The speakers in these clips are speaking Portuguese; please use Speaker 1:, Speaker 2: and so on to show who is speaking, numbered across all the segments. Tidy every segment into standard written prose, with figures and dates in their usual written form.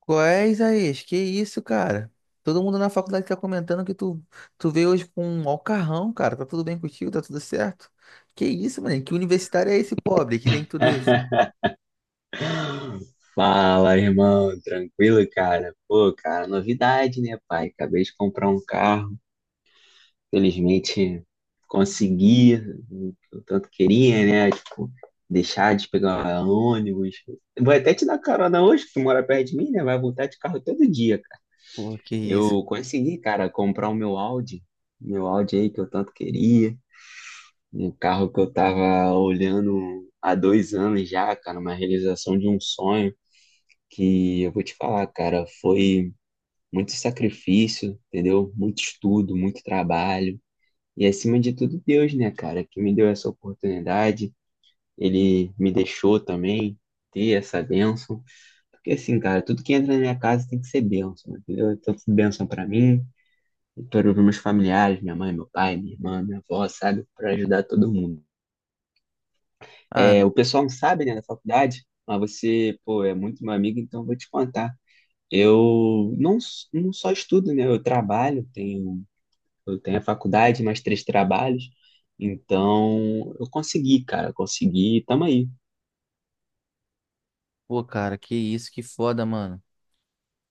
Speaker 1: Qual é, Isaías? Que isso, cara? Todo mundo na faculdade tá comentando que tu veio hoje com um alcarrão, cara. Tá tudo bem contigo? Tá tudo certo? Que isso, mano? Que universitário é esse pobre que tem tudo isso?
Speaker 2: Fala, irmão, tranquilo, cara? Pô, cara, novidade, né, pai? Acabei de comprar um carro, felizmente consegui o que eu tanto queria, né? Tipo, deixar de pegar ônibus. Vou até te dar carona hoje, que tu mora perto de mim, né? Vai voltar de carro todo dia, cara.
Speaker 1: Pô, que isso.
Speaker 2: Eu consegui, cara, comprar o meu Audi aí que eu tanto queria, um carro que eu tava olhando há 2 anos já, cara, uma realização de um sonho. Que eu vou te falar, cara, foi muito sacrifício, entendeu? Muito estudo, muito trabalho. E acima de tudo, Deus, né, cara, que me deu essa oportunidade. Ele me deixou também ter essa bênção. Porque assim, cara, tudo que entra na minha casa tem que ser bênção, entendeu? Então, tudo bênção pra mim, para os meus familiares, minha mãe, meu pai, minha irmã, minha avó, sabe? Pra ajudar todo mundo.
Speaker 1: Ah,
Speaker 2: É, o pessoal não sabe, né, da faculdade, mas você, pô, é muito meu amigo, então eu vou te contar. Eu não, não só estudo, né? Eu trabalho, eu tenho a faculdade, mais três trabalhos. Então, eu consegui, cara, eu consegui, tamo aí.
Speaker 1: pô, cara, que isso, que foda, mano.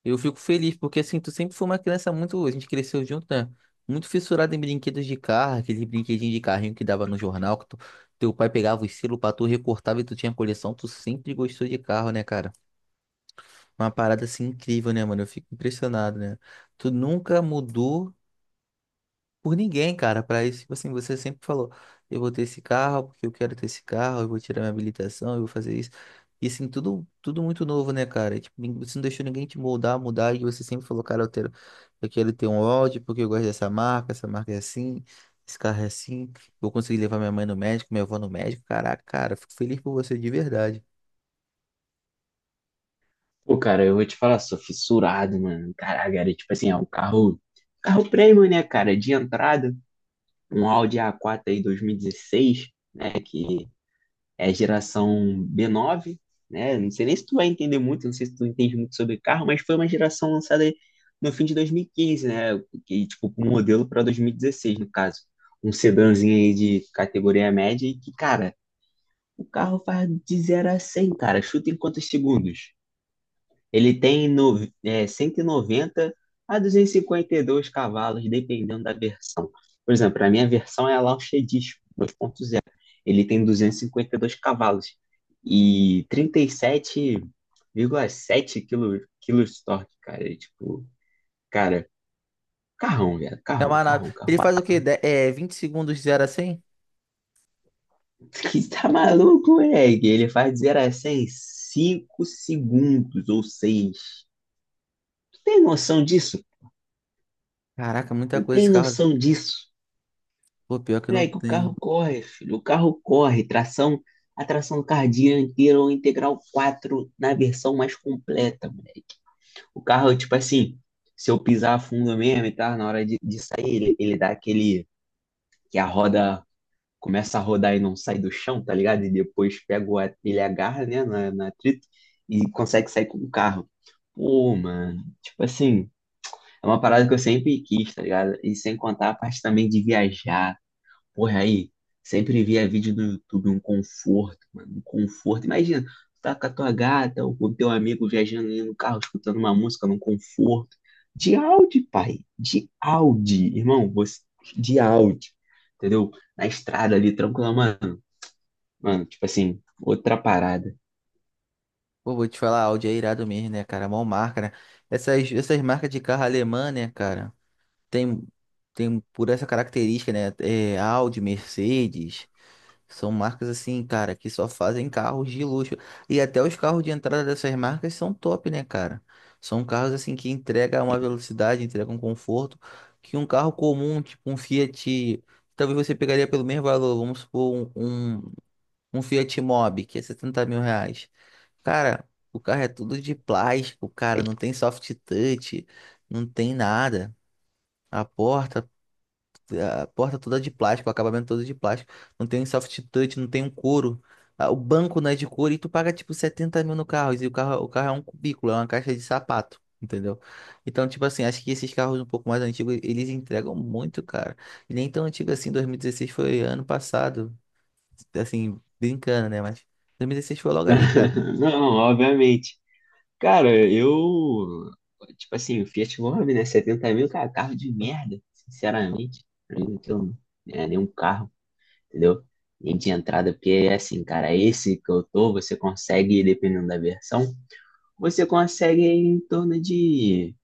Speaker 1: Eu fico feliz, porque assim, tu sempre foi uma criança muito. A gente cresceu junto, né? Muito fissurada em brinquedos de carro, aquele brinquedinho de carrinho que dava no jornal, que teu pai pegava os selos pra tu recortava e tu tinha coleção. Tu sempre gostou de carro, né, cara? Uma parada assim incrível, né, mano? Eu fico impressionado, né? Tu nunca mudou por ninguém, cara. Pra isso, tipo assim, você sempre falou: eu vou ter esse carro porque eu quero ter esse carro, eu vou tirar minha habilitação, eu vou fazer isso. E assim, tudo muito novo, né, cara? E tipo, você não deixou ninguém te moldar, mudar. E você sempre falou: cara, eu quero ter um Audi porque eu gosto dessa marca, essa marca é assim, esse carro é assim. Vou conseguir levar minha mãe no médico, minha avó no médico. Caraca, cara, fico feliz por você de verdade.
Speaker 2: Pô, cara, eu vou te falar, sou fissurado, mano. Caraca, era tipo assim, é um carro premium, né, cara, de entrada, um Audi A4 aí 2016, né, que é geração B9, né? Não sei nem se tu vai entender muito, não sei se tu entende muito sobre carro, mas foi uma geração lançada no fim de 2015, né? Que, tipo, um modelo para 2016, no caso. Um sedãzinho aí de categoria média e que, cara, o carro faz de zero a 100, cara. Chuta em quantos segundos? Ele tem no, é, 190 a duzentos e cinquenta e dois cavalos, dependendo da versão. Por exemplo, a minha versão é a Launch 2.0. Ele tem duzentos e cinquenta e dois cavalos e 37,7 quilos de torque, cara. É tipo, cara, carrão, velho.
Speaker 1: É
Speaker 2: Carrão,
Speaker 1: uma nave.
Speaker 2: carrão, carrão,
Speaker 1: Ele faz o quê?
Speaker 2: carrão.
Speaker 1: 20 segundos de 0 a 100.
Speaker 2: Que tá maluco, moleque? Ele faz de 0 a 100 em 5 segundos ou 6? Tu tem noção disso?
Speaker 1: Caraca, muita
Speaker 2: Tu
Speaker 1: coisa
Speaker 2: tem
Speaker 1: esse carro.
Speaker 2: noção disso?
Speaker 1: Pô, pior que não
Speaker 2: Moleque, o
Speaker 1: tem.
Speaker 2: carro corre, filho. O carro corre. A tração carro inteira ou integral 4 na versão mais completa, moleque. O carro, tipo assim, se eu pisar fundo mesmo e tal, na hora de sair, ele dá aquele. Que a roda começa a rodar e não sai do chão, tá ligado? E depois pega ele agarra, né, na trito e consegue sair com o carro. Pô, mano, tipo assim, é uma parada que eu sempre quis, tá ligado? E sem contar a parte também de viajar. Porra, aí, sempre via vídeo no YouTube, um conforto, mano, um conforto. Imagina, tu tá com a tua gata ou com o teu amigo viajando ali no carro, escutando uma música num conforto. De Audi, pai, de Audi, irmão, você, de Audi, entendeu? Na estrada ali, tranquila, mano, tipo assim, outra parada.
Speaker 1: Pô, vou te falar, Audi é irado mesmo, né, cara? Mó marca, né? Essas marcas de carro alemã, né, cara? Tem, tem por essa característica, né? É, Audi, Mercedes. São marcas assim, cara, que só fazem carros de luxo. E até os carros de entrada dessas marcas são top, né, cara? São carros assim que entregam uma velocidade, entregam um conforto que um carro comum, tipo um Fiat, talvez você pegaria pelo mesmo valor, vamos supor, um Um Fiat Mobi, que é R$ 70.000. Cara, o carro é tudo de plástico, cara. Não tem soft touch, não tem nada. A porta, a porta toda de plástico, o acabamento todo de plástico. Não tem soft touch, não tem um couro. Ah, o banco não é de couro e tu paga tipo 70 mil no carro. E o carro é um cubículo, é uma caixa de sapato. Entendeu? Então, tipo assim, acho que esses carros um pouco mais antigos, eles entregam muito, cara. E nem tão antigo assim, 2016 foi ano passado assim, brincando, né? Mas 2016 foi logo ali, cara.
Speaker 2: Não, obviamente. Cara, eu, tipo assim, o Fiat Mobi, né, 70 mil, cara, carro de merda, sinceramente. Pra mim, aquilo não é nenhum carro, entendeu? E de entrada, porque é assim, cara, esse que eu tô, você consegue, dependendo da versão, você consegue em torno de,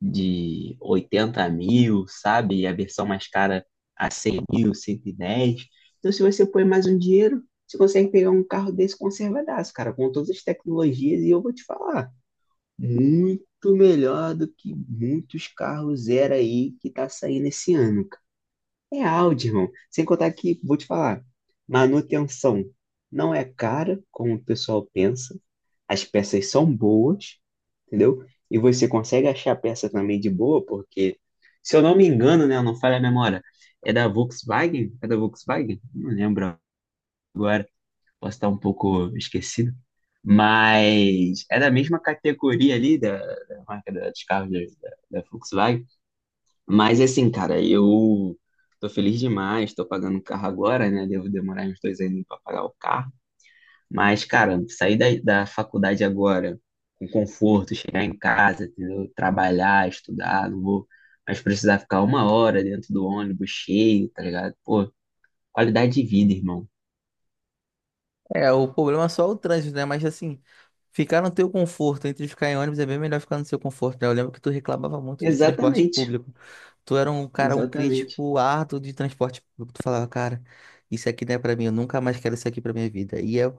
Speaker 2: de 80 mil, sabe? E a versão mais cara a 100 mil, 110. Então, se você põe mais um dinheiro, você consegue pegar um carro desse conservadaço, cara, com todas as tecnologias. E eu vou te falar, muito melhor do que muitos carros zero aí que tá saindo esse ano. É áudio, irmão. Sem contar que, vou te falar, manutenção não é cara, como o pessoal pensa. As peças são boas, entendeu? E você consegue achar a peça também de boa, porque, se eu não me engano, né, não falha a memória, é da Volkswagen? É da Volkswagen? Não lembro, posso estar um pouco esquecido. Mas é da mesma categoria ali da marca dos carros da Volkswagen. Mas assim, cara, eu tô feliz demais, tô pagando o carro agora, né? Devo demorar uns 2 anos pra pagar o carro. Mas, cara, sair da faculdade agora com conforto, chegar em casa, entendeu? Trabalhar, estudar, não vou mais precisar ficar uma hora dentro do ônibus cheio, tá ligado? Pô, qualidade de vida, irmão.
Speaker 1: É, o problema é só o trânsito, né? Mas assim, ficar no teu conforto, entre ficar em ônibus é bem melhor ficar no seu conforto, né? Eu lembro que tu reclamava muito de transporte
Speaker 2: Exatamente,
Speaker 1: público. Tu era um cara, um
Speaker 2: exatamente.
Speaker 1: crítico árduo de transporte público. Tu falava, cara, isso aqui não é pra mim, eu nunca mais quero isso aqui pra minha vida. E é,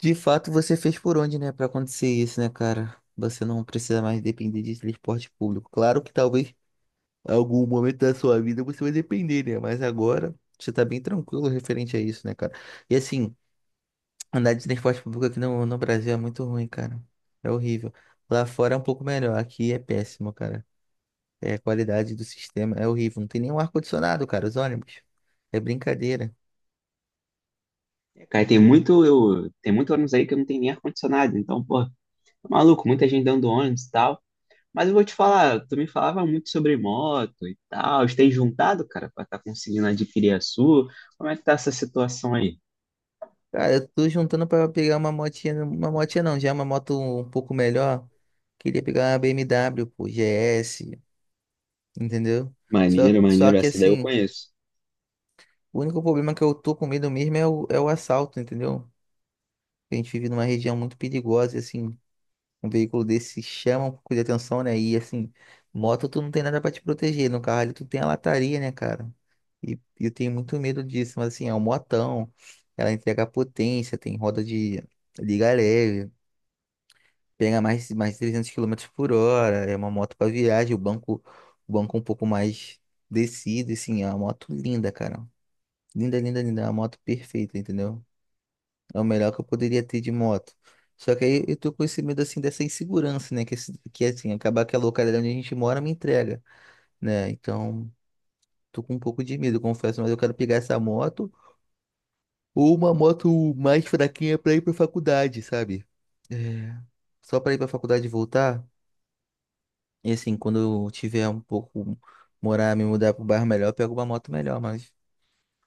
Speaker 1: de fato, você fez por onde, né, pra acontecer isso, né, cara? Você não precisa mais depender de transporte público. Claro que talvez algum momento da sua vida você vai depender, né? Mas agora você tá bem tranquilo referente a isso, né, cara? E assim, andar de transporte público aqui no Brasil é muito ruim, cara. É horrível. Lá fora é um pouco melhor, aqui é péssimo, cara. É, a qualidade do sistema é horrível. Não tem nenhum ar-condicionado, cara, os ônibus. É brincadeira.
Speaker 2: É, cara, tem muito ônibus aí que não tem nem ar-condicionado, então, pô, maluco, muita gente dando ônibus e tal. Mas eu vou te falar, tu me falava muito sobre moto e tal. Tem juntado, cara, pra estar conseguindo adquirir a sua? Como é que tá essa situação aí?
Speaker 1: Cara, eu tô juntando pra pegar uma motinha não, já é uma moto um pouco melhor. Queria pegar uma BMW, pô, GS, entendeu? Só,
Speaker 2: Maneiro,
Speaker 1: só
Speaker 2: maneiro,
Speaker 1: que
Speaker 2: essa daí eu
Speaker 1: assim,
Speaker 2: conheço.
Speaker 1: o único problema que eu tô com medo mesmo é o assalto, entendeu? A gente vive numa região muito perigosa e, assim, um veículo desse chama um pouco de atenção, né? E, assim, moto tu não tem nada pra te proteger. No carro ali tu tem a lataria, né, cara? E e eu tenho muito medo disso, mas, assim, é um motão. Ela entrega potência, tem roda de liga leve, pega mais de 300 km por hora. É uma moto pra viagem, o banco um pouco mais descido, assim, é uma moto linda, cara. Linda, linda, linda. É uma moto perfeita, entendeu? É o melhor que eu poderia ter de moto. Só que aí eu tô com esse medo, assim, dessa insegurança, né? Que que assim, acabar que a localidade onde a gente mora me entrega, né? Então, tô com um pouco de medo, confesso, mas eu quero pegar essa moto ou uma moto mais fraquinha pra ir pra faculdade, sabe? É, só pra ir pra faculdade e voltar. E assim, quando eu tiver um pouco, morar, me mudar pro bairro melhor, eu pego uma moto melhor, mas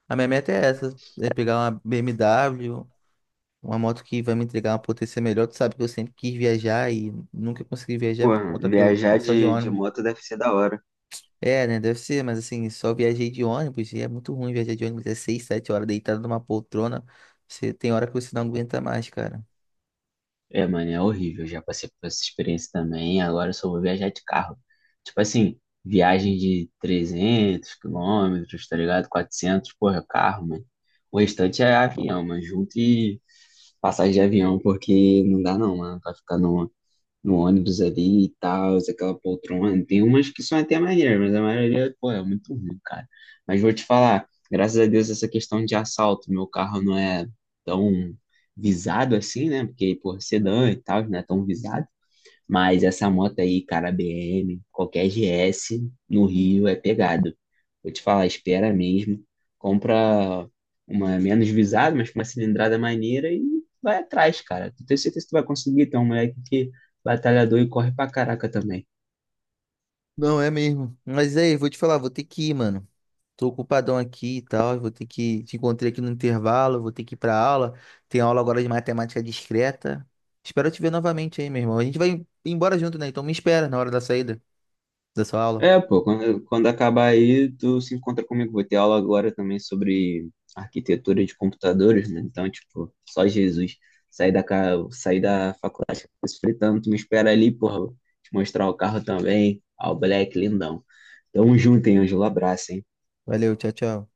Speaker 1: a minha meta é essa, é pegar uma BMW, uma moto que vai me entregar uma potência melhor. Tu sabe que eu sempre quis viajar e nunca consegui viajar
Speaker 2: Pô,
Speaker 1: por conta que eu é
Speaker 2: viajar
Speaker 1: só de
Speaker 2: de
Speaker 1: ônibus.
Speaker 2: moto deve ser da hora.
Speaker 1: É, né? Deve ser, mas assim, só viajei de ônibus e é muito ruim viajar de ônibus. É 6, 7 horas deitado numa poltrona. Você tem hora que você não aguenta mais, cara.
Speaker 2: É, mano, é horrível. Já passei por essa experiência também. Agora eu só vou viajar de carro. Tipo assim, viagem de 300 quilômetros, tá ligado? Quatrocentos. Porra, carro, mano. O restante é avião, mano. Junto e passagem de avião, porque não dá não, mano. Pra ficar no ônibus ali e tal, aquela poltrona. Tem umas que são até maneiras, mas a maioria, pô, é muito ruim, cara. Mas vou te falar, graças a Deus essa questão de assalto, meu carro não é tão visado assim, né? Porque, pô, sedã e tal, não é tão visado. Mas essa moto aí, cara, BM, qualquer GS no Rio é pegado. Vou te falar, espera mesmo. Compra uma menos visada, mas com uma cilindrada maneira e vai atrás, cara. Tenho certeza que tu vai conseguir. Tem um moleque que é batalhador e corre pra caraca também.
Speaker 1: Não, é mesmo. Mas aí, vou te falar, vou ter que ir, mano. Tô ocupadão aqui e tal, vou ter que te encontrei aqui no intervalo, vou ter que ir pra aula. Tem aula agora de matemática discreta. Espero te ver novamente aí, meu irmão. A gente vai embora junto, né? Então me espera na hora da saída da sua aula.
Speaker 2: É, pô, quando acabar aí, tu se encontra comigo. Vou ter aula agora também sobre arquitetura de computadores, né? Então, tipo, só Jesus. Sair da faculdade se fritando, tu me espera ali, porra. Te mostrar o carro também. Ó, o Black, lindão. Tamo junto, hein, Ângelo? Abraço, hein?
Speaker 1: Valeu, tchau, tchau.